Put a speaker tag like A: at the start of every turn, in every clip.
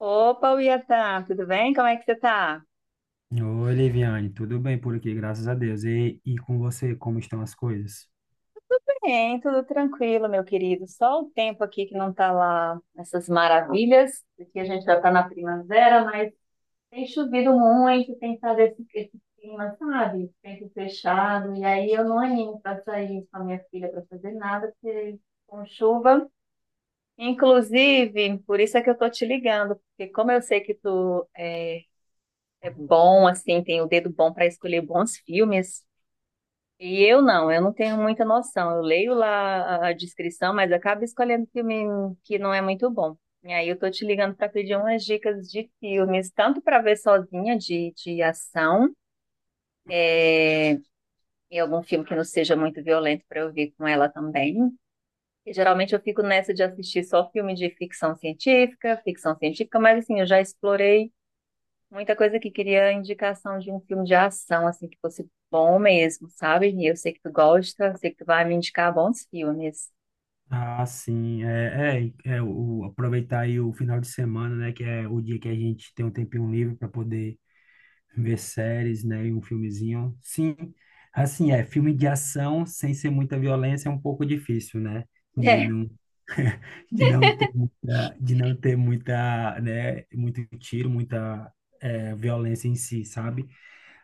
A: Opa, Iatan, tudo bem? Como é que você tá?
B: Oi, Liviane, tudo bem por aqui, graças a Deus. E com você, como estão as coisas?
A: Bem, tudo tranquilo, meu querido. Só o tempo aqui que não tá lá essas maravilhas. Aqui a gente já tá na primavera, mas tem chovido muito, tem estado esse clima, sabe? Tempo fechado. E aí eu não animo pra sair com a minha filha pra fazer nada, porque com chuva. Inclusive, por isso é que eu tô te ligando, porque como eu sei que tu é bom, assim, tem o dedo bom para escolher bons filmes. E eu não tenho muita noção. Eu leio lá a descrição, mas acabo escolhendo filme que não é muito bom. E aí eu tô te ligando para pedir umas dicas de filmes, tanto para ver sozinha de ação, é, e algum filme que não seja muito violento para eu ver com ela também. E geralmente eu fico nessa de assistir só filme de ficção científica, mas assim, eu já explorei muita coisa que queria indicação de um filme de ação, assim, que fosse bom mesmo, sabe? E eu sei que tu gosta, sei que tu vai me indicar bons filmes.
B: Ah, sim, aproveitar aí o final de semana, né, que é o dia que a gente tem um tempinho livre para poder ver séries, né, e um filmezinho. Sim, assim, é, filme de ação sem ser muita violência é um pouco difícil, né, de
A: É,
B: não, de não ter muita, de não ter muita, né, muito tiro, muita, é, violência em si, sabe?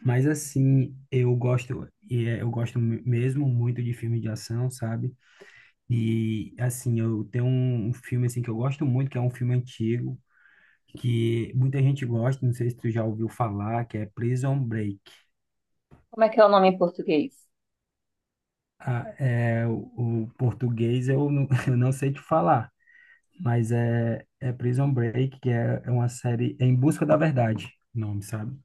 B: Mas assim, eu gosto mesmo muito de filme de ação, sabe? E assim, eu tenho um filme assim que eu gosto muito, que é um filme antigo, que muita gente gosta, não sei se tu já ouviu falar, que é Prison Break.
A: como é que é o nome em português?
B: Ah, é, o português eu não, eu não sei te falar, mas é Prison Break, é uma série é Em Busca da Verdade, o nome, sabe?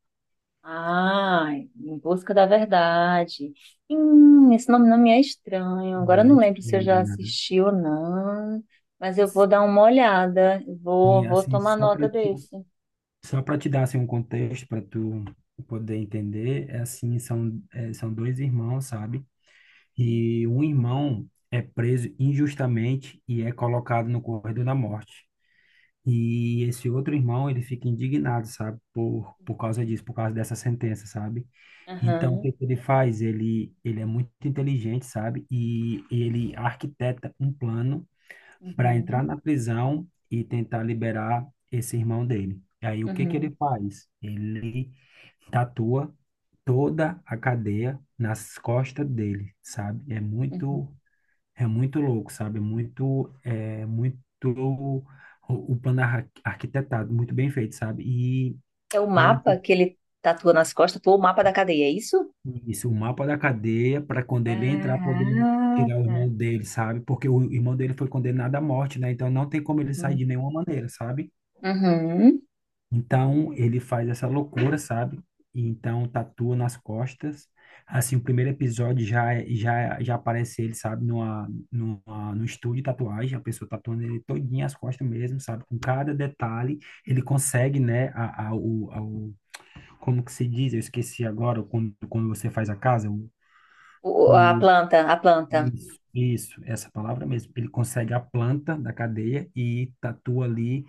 A: Ah, Em Busca da Verdade. Esse nome não me é estranho. Agora eu não
B: Mas,
A: lembro se eu
B: né,
A: já assisti ou não, mas eu vou dar uma olhada. Vou,
B: e
A: vou
B: assim,
A: tomar
B: só
A: nota
B: para te
A: desse.
B: Só para te dar assim um contexto para tu poder entender, é assim, são dois irmãos, sabe? E um irmão é preso injustamente e é colocado no corredor da morte. E esse outro irmão, ele fica indignado, sabe? Por causa disso, por causa dessa sentença, sabe? Então, o
A: Aham,
B: que que ele faz? Ele é muito inteligente, sabe? E ele arquiteta um plano para
A: uhum,
B: entrar na prisão e tentar liberar esse irmão dele. E aí o que que ele
A: uhum,
B: faz? Ele tatua toda a cadeia nas costas dele, sabe?
A: uhum.
B: É muito louco, sabe? O, o plano arquitetado, muito bem feito, sabe? E
A: É o
B: para ele
A: mapa
B: ter
A: que ele tatua nas costas, pô, o mapa da cadeia, é isso?
B: isso, o mapa da cadeia para quando ele entrar poder tirar o
A: Caraca.
B: irmão dele, sabe? Porque o irmão dele foi condenado à morte, né? Então não tem como ele sair
A: Uhum.
B: de nenhuma maneira, sabe?
A: Uhum.
B: Então ele faz essa loucura, sabe? E então tatua nas costas. Assim, o primeiro episódio já é- já já aparece ele, sabe, no estúdio de tatuagem, a pessoa tatuando ele todinho as costas mesmo, sabe? Com cada detalhe, ele consegue, né, como que se diz? Eu esqueci agora, quando você faz a casa,
A: A
B: o,
A: planta, a planta.
B: isso, isso, essa palavra mesmo. Ele consegue a planta da cadeia e tatua ali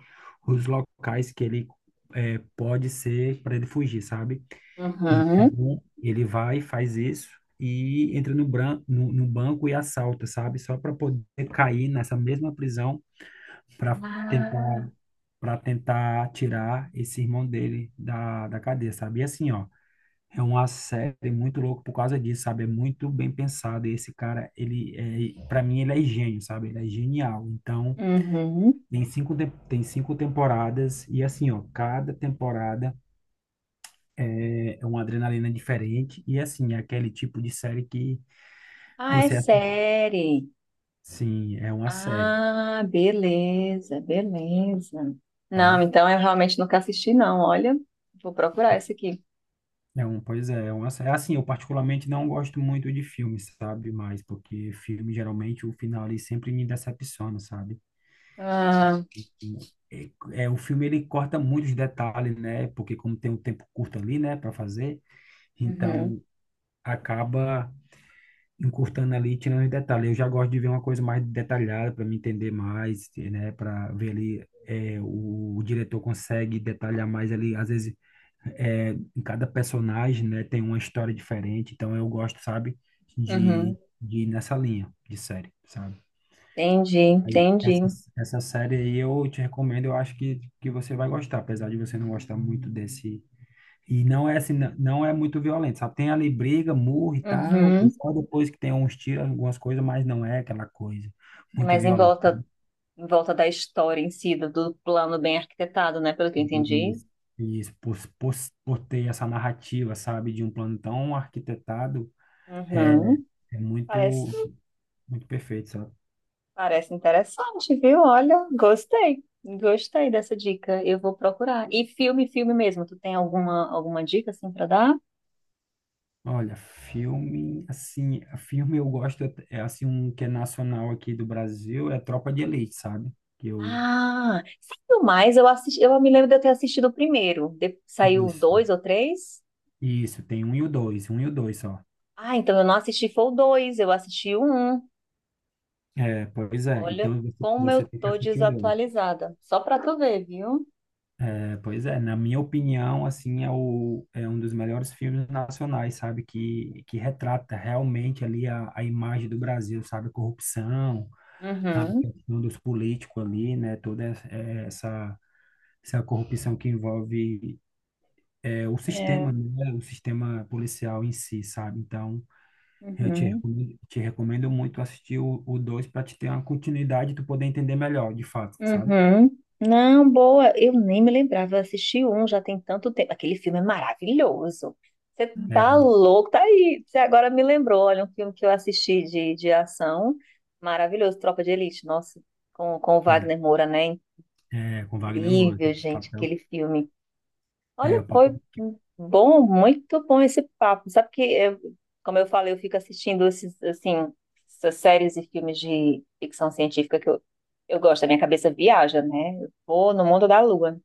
B: os locais que ele é, pode ser para ele fugir, sabe?
A: Uhum.
B: Então, ele vai, faz isso e entra no, bran no, no banco e assalta, sabe? Só para poder cair nessa mesma prisão para
A: Ah,
B: tentar, para tentar tirar esse irmão dele da cadeia, sabe? E assim, ó. É uma série muito louca por causa disso, sabe? É muito bem pensado. E esse cara, ele é, para mim, ele é gênio, sabe? Ele é genial. Então,
A: uhum.
B: tem cinco temporadas e assim, ó, cada temporada é uma adrenalina diferente e assim, é aquele tipo de série que
A: Ah, é
B: você assim,
A: série.
B: sim, é uma série,
A: Ah, beleza, beleza. Não,
B: tá?
A: então eu realmente nunca assisti, não. Olha, vou procurar esse aqui.
B: É um, pois é, é uma série. Assim, eu particularmente não gosto muito de filmes, sabe? Mas porque filme geralmente o final ali sempre me decepciona, sabe?
A: Ah,
B: é, é, o filme ele corta muitos detalhes, né? Porque como tem um tempo curto ali, né, para fazer,
A: uhum,
B: então acaba encurtando ali, tirando os detalhes. Eu já gosto de ver uma coisa mais detalhada para me entender mais, né? Para ver ali é, o diretor consegue detalhar mais ali, às vezes é, em cada personagem, né, tem uma história diferente. Então eu gosto, sabe,
A: uhum.
B: de ir nessa linha de série, sabe?
A: Entendi,
B: Essa,
A: entendi.
B: essa série aí eu te recomendo, eu acho que você vai gostar, apesar de você não gostar muito desse. E não é assim, não é muito violento, sabe? Tem ali briga, murro e tal, e
A: Uhum.
B: só depois que tem uns tiros, algumas coisas, mas não é aquela coisa
A: É
B: muito
A: mais em
B: violenta.
A: volta, em volta da história em si, do plano bem arquitetado, né? Pelo que eu
B: E,
A: entendi.
B: e isso, por, por, por ter essa narrativa, sabe, de um plano tão arquitetado, é,
A: Uhum.
B: é muito,
A: Parece.
B: muito perfeito, sabe?
A: Parece interessante, viu? Olha, gostei. Gostei dessa dica. Eu vou procurar. E filme, filme mesmo. Tu tem alguma dica assim pra dar?
B: Olha, filme, assim, filme eu gosto, é assim, um que é nacional aqui do Brasil, é Tropa de Elite, sabe? Que eu,
A: Ah, saiu mais. Eu assisti, eu me lembro de eu ter assistido o primeiro. Saiu
B: isso,
A: dois ou três?
B: isso, tem um e o dois, um e o dois só.
A: Ah, então eu não assisti foi o dois, eu assisti o um.
B: É, pois é,
A: Olha
B: então
A: como eu
B: você tem que
A: tô
B: assistir o dois.
A: desatualizada. Só pra tu ver, viu?
B: É, pois é, na minha opinião, assim, é, é um dos melhores filmes nacionais, sabe? Que retrata realmente ali a imagem do Brasil, sabe? A corrupção, a
A: Uhum.
B: questão dos políticos ali, né? Toda essa essa corrupção que envolve é, o
A: É.
B: sistema, né? O sistema policial em si, sabe? Então, eu
A: Uhum.
B: te recomendo muito assistir o dois para te ter uma continuidade e tu poder entender melhor, de fato, sabe?
A: Uhum. Não, boa. Eu nem me lembrava. Eu assisti um já tem tanto tempo. Aquele filme é maravilhoso. Você tá
B: É,
A: louco? Tá aí. Você agora me lembrou. Olha, um filme que eu assisti de ação. Maravilhoso. Tropa de Elite. Nossa, com o Wagner Moura, né?
B: é, com Wagner Moura, que é
A: Incrível,
B: o
A: gente,
B: papel.
A: aquele filme.
B: É,
A: Olha,
B: o
A: foi
B: papel.
A: bom, muito bom esse papo. Sabe que, como eu falei, eu fico assistindo essas séries e filmes de ficção científica que eu gosto. A minha cabeça viaja, né? Eu vou no mundo da lua.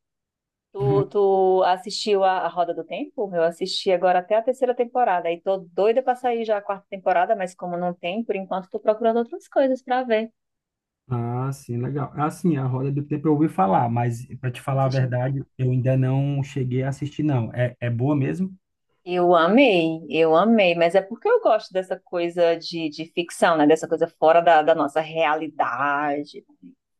A: Tu, tu assistiu a Roda do Tempo? Eu assisti agora até a terceira temporada. E tô doida pra sair já a quarta temporada, mas como não tem, por enquanto tô procurando outras coisas pra ver.
B: Ah, sim, legal. Assim, a Roda do Tempo eu ouvi falar, mas para te
A: Não
B: falar a
A: assistindo.
B: verdade, eu ainda não cheguei a assistir, não. É, é boa mesmo?
A: Eu amei, mas é porque eu gosto dessa coisa de ficção, né? Dessa coisa fora da nossa realidade.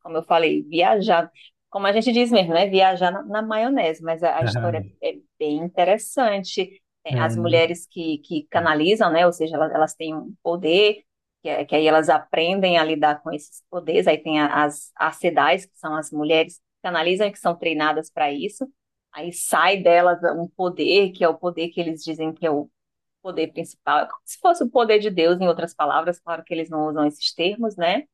A: Como eu falei, viajar, como a gente diz mesmo, né? Viajar na maionese, mas a história é bem interessante. Tem as
B: É, né?
A: mulheres que canalizam, né? Ou seja, elas têm um poder, que aí elas aprendem a lidar com esses poderes. Aí tem as sedais, que são as mulheres que canalizam e que são treinadas para isso. Aí sai delas um poder, que é o poder que eles dizem que é o poder principal. É como se fosse o poder de Deus, em outras palavras, claro que eles não usam esses termos, né?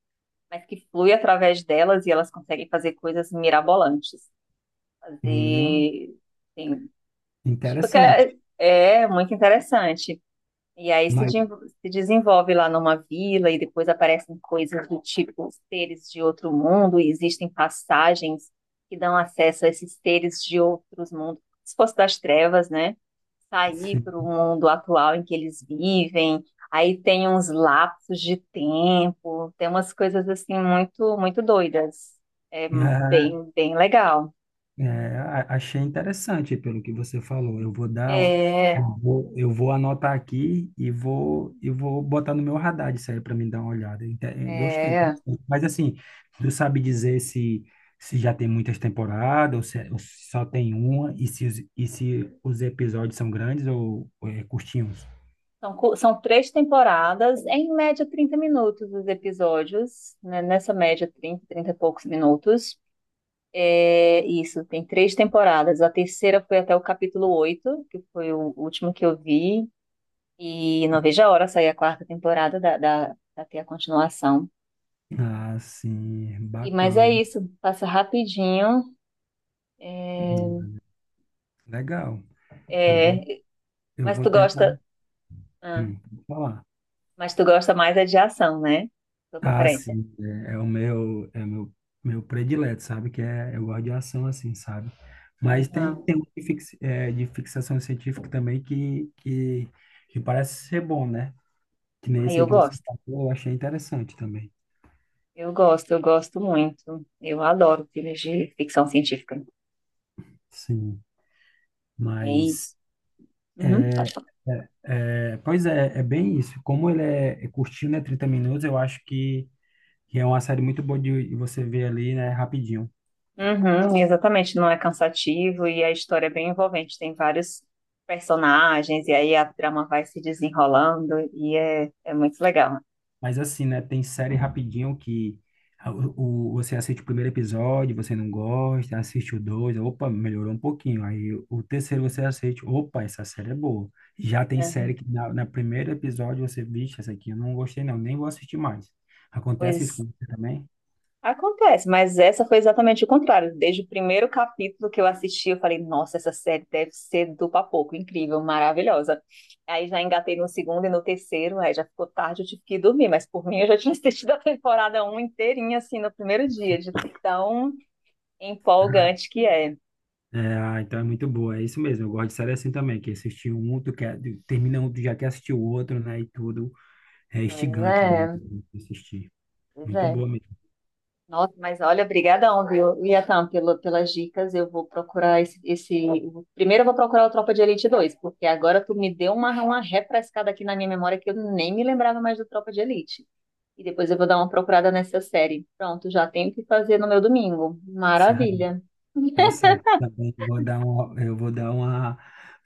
A: Mas que flui através delas e elas conseguem fazer coisas mirabolantes.
B: Hum,
A: Fazer. Assim, tipo, que
B: interessante.
A: é muito interessante. E aí se,
B: Mas,
A: de- se desenvolve lá numa vila e depois aparecem coisas do tipo seres de outro mundo e existem passagens que dão acesso a esses seres de outros mundos, como se fosse das trevas, né? Sair
B: sim.
A: para o mundo atual em que eles vivem. Aí tem uns lapsos de tempo, tem umas coisas assim muito, muito doidas. É bem, bem legal.
B: É, achei interessante pelo que você falou.
A: É,
B: Eu vou anotar aqui e vou botar no meu radar isso aí para mim dar uma olhada. Gostei.
A: é.
B: Interessante. Mas assim, tu sabe dizer se, se já tem muitas temporadas ou se, é, ou se só tem uma e se, e se os episódios são grandes ou é, curtinhos?
A: São três temporadas, em média 30 minutos os episódios, né? Nessa média 30 e poucos minutos. É isso, tem três temporadas. A terceira foi até o capítulo 8 que foi o último que eu vi, e não vejo a hora sair a quarta temporada pra ter a continuação.
B: Ah, sim,
A: E, mas é
B: bacana.
A: isso, passa rapidinho. É,
B: Hum, Legal. Eu vou,
A: é,
B: eu
A: mas
B: vou
A: tu
B: tentar.
A: gosta, ah,
B: Vou falar.
A: mas tu gosta mais é de ação, né? Tua
B: Ah,
A: preferência.
B: sim, é o meu, meu predileto, sabe? Que é, eu gosto de ação assim, sabe? Mas
A: Aham.
B: tem um de, de fixação científica também que parece ser bom, né? Que nem
A: Aí
B: esse aí
A: eu
B: que você
A: gosto.
B: falou, eu achei interessante também.
A: Eu gosto, eu gosto muito. Eu adoro filmes de ficção científica.
B: Sim,
A: E,
B: mas
A: uhum,
B: é,
A: pode falar.
B: pois é, é bem isso. Como ele é, é curtinho, né? 30 minutos, eu acho que é uma série muito boa de você ver ali, né? Rapidinho.
A: Uhum, exatamente, não é cansativo e a história é bem envolvente. Tem vários personagens e aí a trama vai se desenrolando e é muito legal.
B: Mas assim, né? Tem série rapidinho que você assiste o primeiro episódio, você não gosta, assiste o dois, opa, melhorou um pouquinho. Aí o terceiro você assiste, opa, essa série é boa. Já tem série
A: Uhum.
B: que na primeiro episódio você, bicho, essa aqui eu não gostei não, nem vou assistir mais. Acontece isso
A: Pois
B: com você também?
A: acontece, mas essa foi exatamente o contrário. Desde o primeiro capítulo que eu assisti, eu falei, nossa, essa série deve ser do papoco, incrível, maravilhosa. Aí já engatei no segundo e no terceiro, aí já ficou tarde, eu tive que ir dormir, mas por mim eu já tinha assistido a temporada um inteirinha, assim, no primeiro dia, de tão empolgante que é.
B: É, ah, então é muito boa, é isso mesmo. Eu gosto de série assim também, que é assistir um, tu quer, termina um, tu já quer assistir o outro, né? E tudo é
A: Pois
B: instigante, né?
A: é,
B: Assistir.
A: pois
B: Muito
A: é.
B: boa mesmo.
A: Nossa, mas olha, obrigadão, viu, Liatan, pelo, pelas dicas. Eu vou procurar esse. Primeiro eu vou procurar o Tropa de Elite dois, porque agora tu me deu uma refrescada aqui na minha memória que eu nem me lembrava mais do Tropa de Elite. E depois eu vou dar uma procurada nessa série. Pronto, já tenho o que fazer no meu domingo. Maravilha.
B: Tá certo, também vou dar um, eu vou dar uma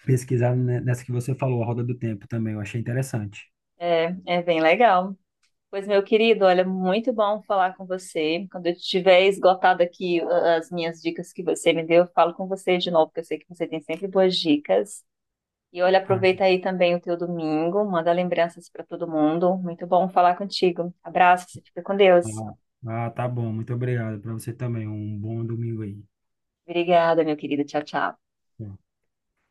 B: pesquisada nessa que você falou, a Roda do Tempo também, eu achei interessante.
A: É bem legal. Pois, meu querido, olha, muito bom falar com você. Quando eu tiver esgotado aqui as minhas dicas que você me deu, eu falo com você de novo, porque eu sei que você tem sempre boas dicas. E olha,
B: Ah,
A: aproveita aí também o teu domingo, manda lembranças para todo mundo. Muito bom falar contigo. Abraço, você fica com Deus.
B: ah, ah, tá bom, muito obrigado para você também, um bom domingo aí.
A: Obrigada, meu querido. Tchau, tchau.